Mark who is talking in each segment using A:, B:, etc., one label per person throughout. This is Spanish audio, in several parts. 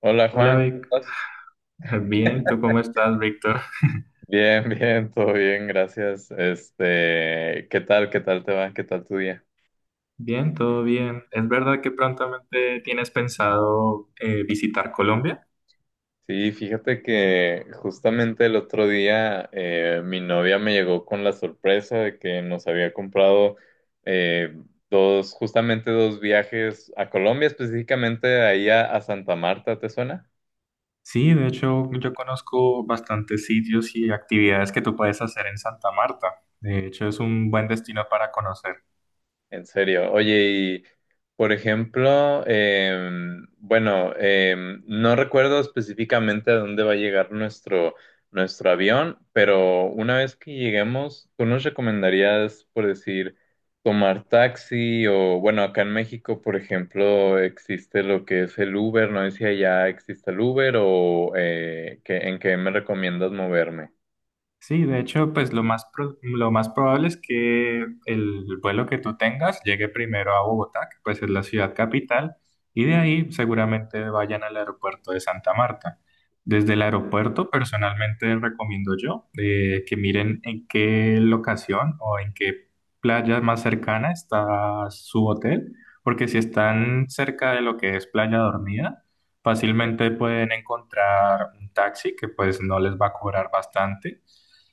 A: Hola
B: Hola
A: Juan, ¿cómo
B: Vic,
A: estás?
B: bien, ¿tú cómo estás, Víctor?
A: Bien, bien, todo bien, gracias. Este, ¿qué tal? ¿Qué tal te va? ¿Qué tal tu día?
B: Bien, todo bien. ¿Es verdad que prontamente tienes pensado visitar Colombia?
A: Sí, fíjate que justamente el otro día mi novia me llegó con la sorpresa de que nos había comprado eh, dos, justamente dos viajes a Colombia, específicamente ahí a Santa Marta, ¿te suena?
B: Sí, de hecho, yo conozco bastantes sitios y actividades que tú puedes hacer en Santa Marta. De hecho, es un buen destino para conocer.
A: En serio. Oye, y por ejemplo, bueno, no recuerdo específicamente a dónde va a llegar nuestro avión, pero una vez que lleguemos, ¿tú nos recomendarías, por decir, tomar taxi o, bueno, acá en México, por ejemplo, existe lo que es el Uber? No sé si allá existe el Uber o ¿en qué me recomiendas moverme?
B: Sí, de hecho, lo más probable es que el vuelo que tú tengas llegue primero a Bogotá, que pues es la ciudad capital, y de ahí seguramente vayan al aeropuerto de Santa Marta. Desde el aeropuerto, personalmente recomiendo yo que miren en qué locación o en qué playa más cercana está su hotel, porque si están cerca de lo que es Playa Dormida, fácilmente pueden encontrar un taxi que pues no les va a cobrar bastante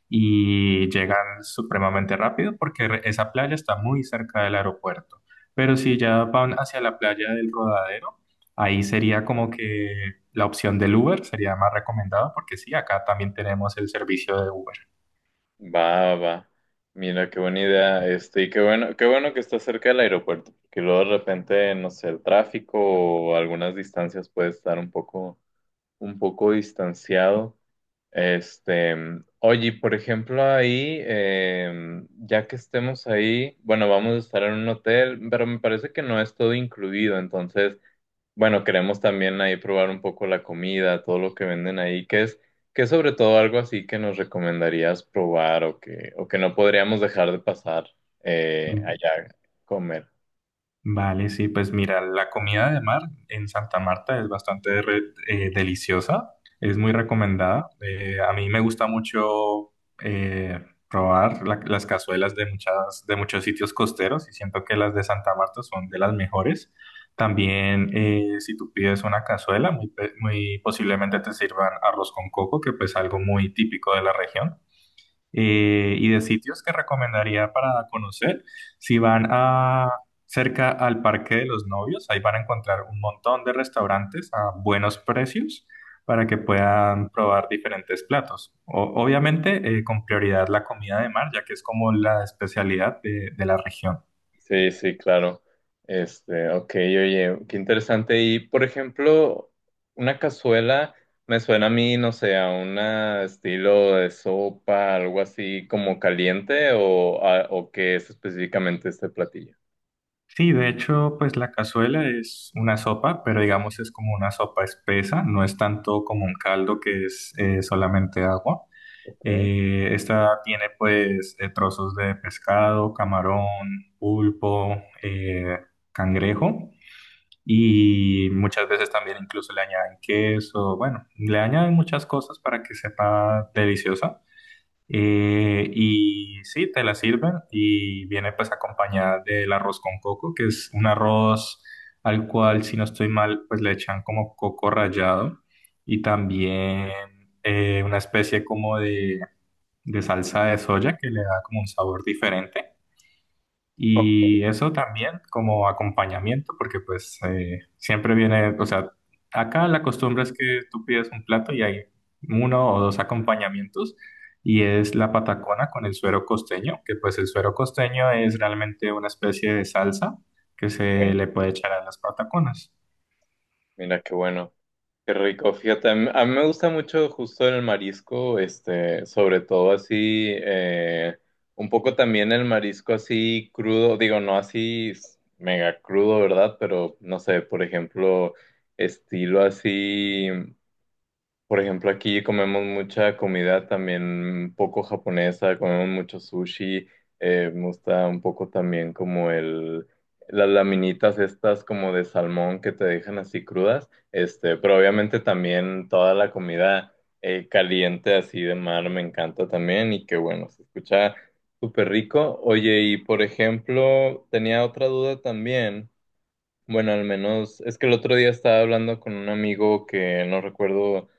B: y llegan supremamente rápido porque esa playa está muy cerca del aeropuerto. Pero si ya van hacia la playa del Rodadero, ahí sería como que la opción del Uber sería más recomendada porque sí, acá también tenemos el servicio de Uber.
A: Va, va. Mira, qué buena idea. Este, y qué bueno que está cerca del aeropuerto, porque luego de repente, no sé, el tráfico o algunas distancias puede estar un poco distanciado. Este, oye, y por ejemplo, ahí, ya que estemos ahí, bueno, vamos a estar en un hotel, pero me parece que no es todo incluido, entonces. Bueno, queremos también ahí probar un poco la comida, todo lo que venden ahí, que es sobre todo algo así que nos recomendarías probar o que no podríamos dejar de pasar allá a comer.
B: Vale, sí, pues mira, la comida de mar en Santa Marta es bastante deliciosa, es muy recomendada. A mí me gusta mucho eh, probar las cazuelas de de muchos sitios costeros y siento que las de Santa Marta son de las mejores. También, si tú pides una cazuela, muy posiblemente te sirvan arroz con coco, que pues es algo muy típico de la región y de sitios que recomendaría para conocer. Si van a cerca al Parque de los Novios, ahí van a encontrar un montón de restaurantes a buenos precios para que puedan probar diferentes platos. Obviamente, con prioridad la comida de mar, ya que es como la especialidad de la región.
A: Sí, sí, claro. Este, ok, oye, qué interesante. Y, por ejemplo, una cazuela me suena a mí, no sé, a un estilo de sopa, algo así como caliente o qué es específicamente este platillo.
B: Sí, de hecho, pues la cazuela es una sopa, pero digamos es como una sopa espesa, no es tanto como un caldo que es solamente agua.
A: Ok.
B: Esta tiene pues trozos de pescado, camarón, pulpo, cangrejo y muchas veces también incluso le añaden queso, bueno, le añaden muchas cosas para que sepa deliciosa. Y sí, te la sirven y viene pues acompañada del arroz con coco, que es un arroz al cual si no estoy mal pues le echan como coco rallado y también una especie como de salsa de soya que le da como un sabor diferente.
A: Ok.
B: Y eso también como acompañamiento, porque pues siempre viene, o sea, acá la costumbre es que tú pides un plato y hay uno o dos acompañamientos, y es la patacona con el suero costeño, que pues el suero costeño es realmente una especie de salsa que
A: Ok,
B: se le puede echar a las pataconas.
A: mira qué bueno. Qué rico, fíjate, a mí me gusta mucho justo el marisco, este, sobre todo así, un poco también el marisco así crudo, digo, no así s- mega crudo, ¿verdad? Pero no sé, por ejemplo, estilo así. Por ejemplo, aquí comemos mucha comida también poco japonesa, comemos mucho sushi. Me gusta un poco también las laminitas estas como de salmón que te dejan así crudas, este, pero obviamente también toda la comida caliente así de mar me encanta también, y que bueno, se escucha súper rico. Oye, y por ejemplo, tenía otra duda también, bueno, al menos es que el otro día estaba hablando con un amigo que no recuerdo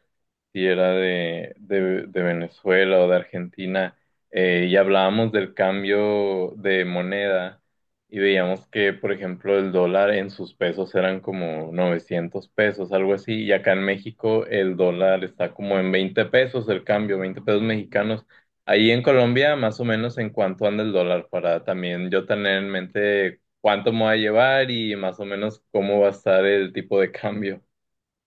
A: si era de Venezuela o de Argentina, y hablábamos del cambio de moneda y veíamos que, por ejemplo, el dólar en sus pesos eran como 900 pesos, algo así, y acá en México el dólar está como en 20 pesos el cambio, 20 pesos mexicanos. Ahí en Colombia, más o menos, ¿en cuánto anda el dólar, para también yo tener en mente cuánto me voy a llevar y más o menos cómo va a estar el tipo de cambio?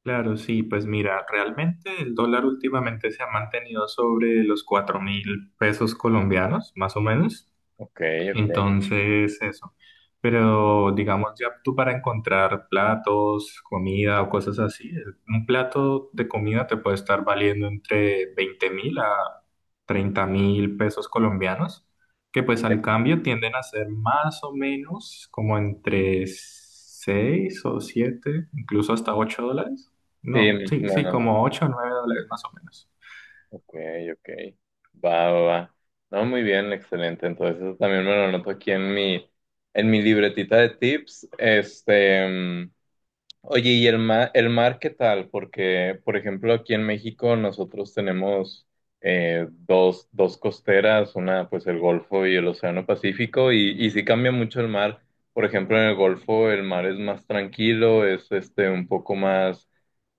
B: Claro, sí, pues mira, realmente el dólar últimamente se ha mantenido sobre los 4.000 pesos colombianos, más o menos.
A: Ok, ok,
B: Entonces, eso. Pero digamos, ya tú para encontrar platos, comida o cosas así, un plato de comida te puede estar valiendo entre 20.000 a 30.000 pesos colombianos, que
A: ok.
B: pues al cambio tienden a ser más o menos como entre 6 o 7, incluso hasta 8 dólares.
A: Sí,
B: No,
A: más o
B: sí, sí,
A: menos.
B: como 8 o 9 dólares más o menos.
A: Ok, ok. Va, va, va. No, muy bien, excelente. Entonces, eso también me lo anoto aquí en en mi libretita de tips. Este, oye, ¿y el mar qué tal? Porque, por ejemplo, aquí en México nosotros tenemos dos, dos costeras, una pues el Golfo y el Océano Pacífico, y sí cambia mucho el mar. Por ejemplo, en el Golfo el mar es más tranquilo, es este un poco más,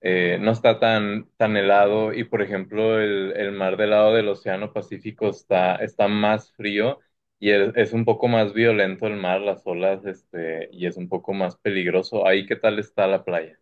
A: no está tan, tan helado, y por ejemplo, el mar del lado del Océano Pacífico está, está más frío. Es un poco más violento el mar, las olas, este, y es un poco más peligroso. Ahí, ¿qué tal está la playa?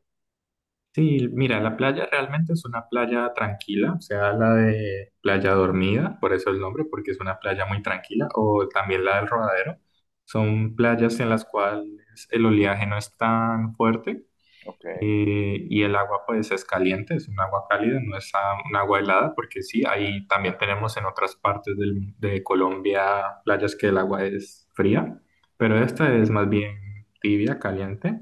B: Sí, mira, la playa realmente es una playa tranquila, o sea, la de Playa Dormida, por eso el nombre, porque es una playa muy tranquila, o también la del Rodadero. Son playas en las cuales el oleaje no es tan fuerte
A: Ok,
B: y el agua pues es caliente, es un agua cálida, no es un agua helada, porque sí, ahí también tenemos en otras partes de Colombia playas que el agua es fría,
A: ok.
B: pero esta es más bien tibia, caliente.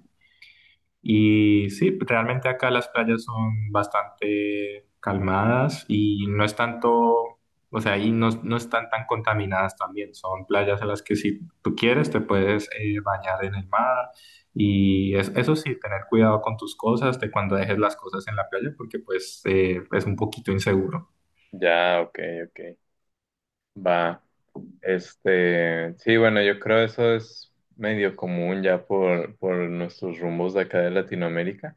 B: Y sí, pues, realmente acá las playas son bastante calmadas y no es tanto, o sea, ahí no están tan contaminadas también. Son playas a las que si tú quieres te puedes bañar en el mar y eso sí, tener cuidado con tus cosas de cuando dejes las cosas en la playa porque pues es un poquito inseguro.
A: Ya, ok, ok. Va. Este, sí, bueno, yo creo eso es medio común ya por nuestros rumbos de acá de Latinoamérica.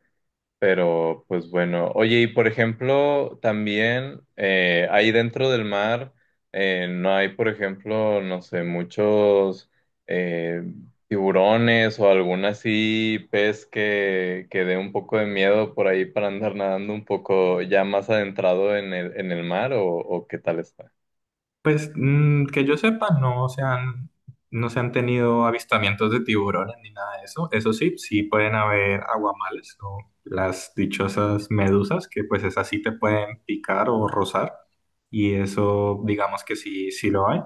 A: Pero, pues bueno, oye, y por ejemplo, también ahí dentro del mar no hay, por ejemplo, no sé, muchos eh, tiburones o algún así pez que dé un poco de miedo por ahí para andar nadando un poco ya más adentrado en en el mar, o qué tal está.
B: Pues mm, que yo sepa, no se han, no se han tenido avistamientos de tiburones ni nada de eso. Eso sí, sí pueden haber aguamales o las dichosas medusas, que pues esas sí te pueden picar o rozar. Y eso, digamos que sí, sí lo hay.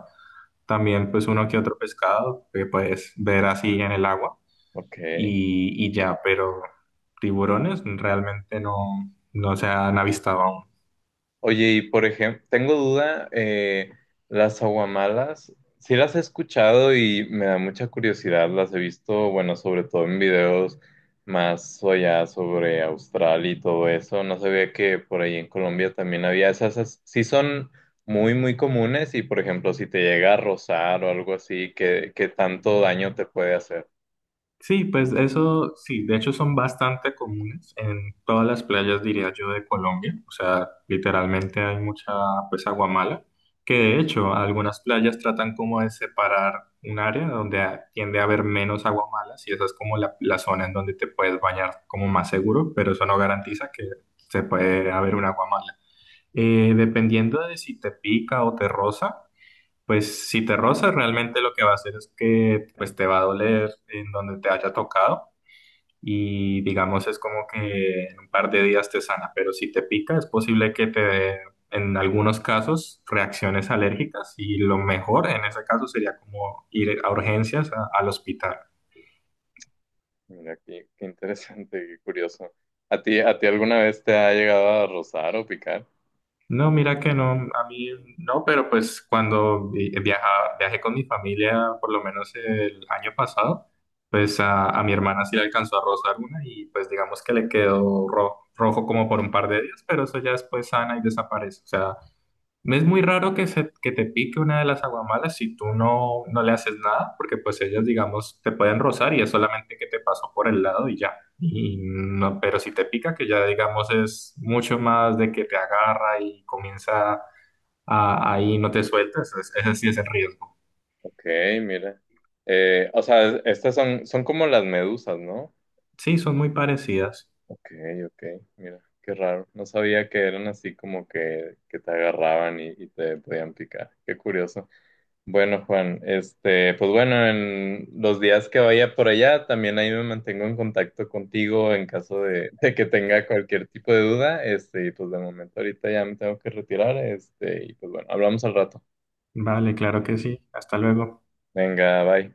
B: También pues uno que otro pescado que puedes ver así en el agua
A: Ok.
B: y ya, pero tiburones realmente no se han avistado aún.
A: Oye, y por ejemplo, tengo duda, las aguamalas, sí las he escuchado y me da mucha curiosidad, las he visto, bueno, sobre todo en videos más allá sobre Australia y todo eso. No sabía que por ahí en Colombia también había esas, sí son muy, muy comunes, y, por ejemplo, si te llega a rozar o algo así, ¿qué tanto daño te puede hacer?
B: Sí, pues eso sí, de hecho son bastante comunes en todas las playas, diría yo, de Colombia. O sea, literalmente hay mucha, pues, agua mala, que de hecho algunas playas tratan como de separar un área donde tiende a haber menos agua mala, y esa es como la zona en donde te puedes bañar como más seguro, pero eso no garantiza que se puede haber un agua mala. Dependiendo de si te pica o te roza. Pues si te rozas, realmente lo que va a hacer es que pues te va a doler en donde te haya tocado y digamos es como que en un par de días te sana, pero si te pica es posible que te dé en algunos casos reacciones alérgicas y lo mejor en ese caso sería como ir a urgencias al hospital.
A: Mira, qué interesante, qué curioso. ¿A ti alguna vez te ha llegado a rozar o picar?
B: No, mira que no, a mí no, pero pues cuando viajé con mi familia, por lo menos el año pasado, pues a mi hermana sí le alcanzó a rozar una y pues digamos que le quedó rojo como por un par de días, pero eso ya después sana y desaparece. O sea, no es muy raro que te pique una de las aguamalas si tú no le haces nada, porque pues ellas, digamos, te pueden rozar y es solamente que te pasó por el lado y ya. Y no, pero si te pica, que ya digamos es mucho más de que te agarra y comienza ahí no te sueltas, ese sí es el riesgo.
A: Ok, mira. O sea, estas son, son como las medusas, ¿no?
B: Sí, son muy parecidas.
A: Ok, ok, mira, qué raro. No sabía que eran así como que te agarraban y te podían picar. Qué curioso. Bueno, Juan, este, pues bueno, en los días que vaya por allá, también ahí me mantengo en contacto contigo en caso de que tenga cualquier tipo de duda. Este, y pues de momento ahorita ya me tengo que retirar. Este, y pues bueno, hablamos al rato.
B: Vale, claro que sí. Hasta luego.
A: Venga, bye.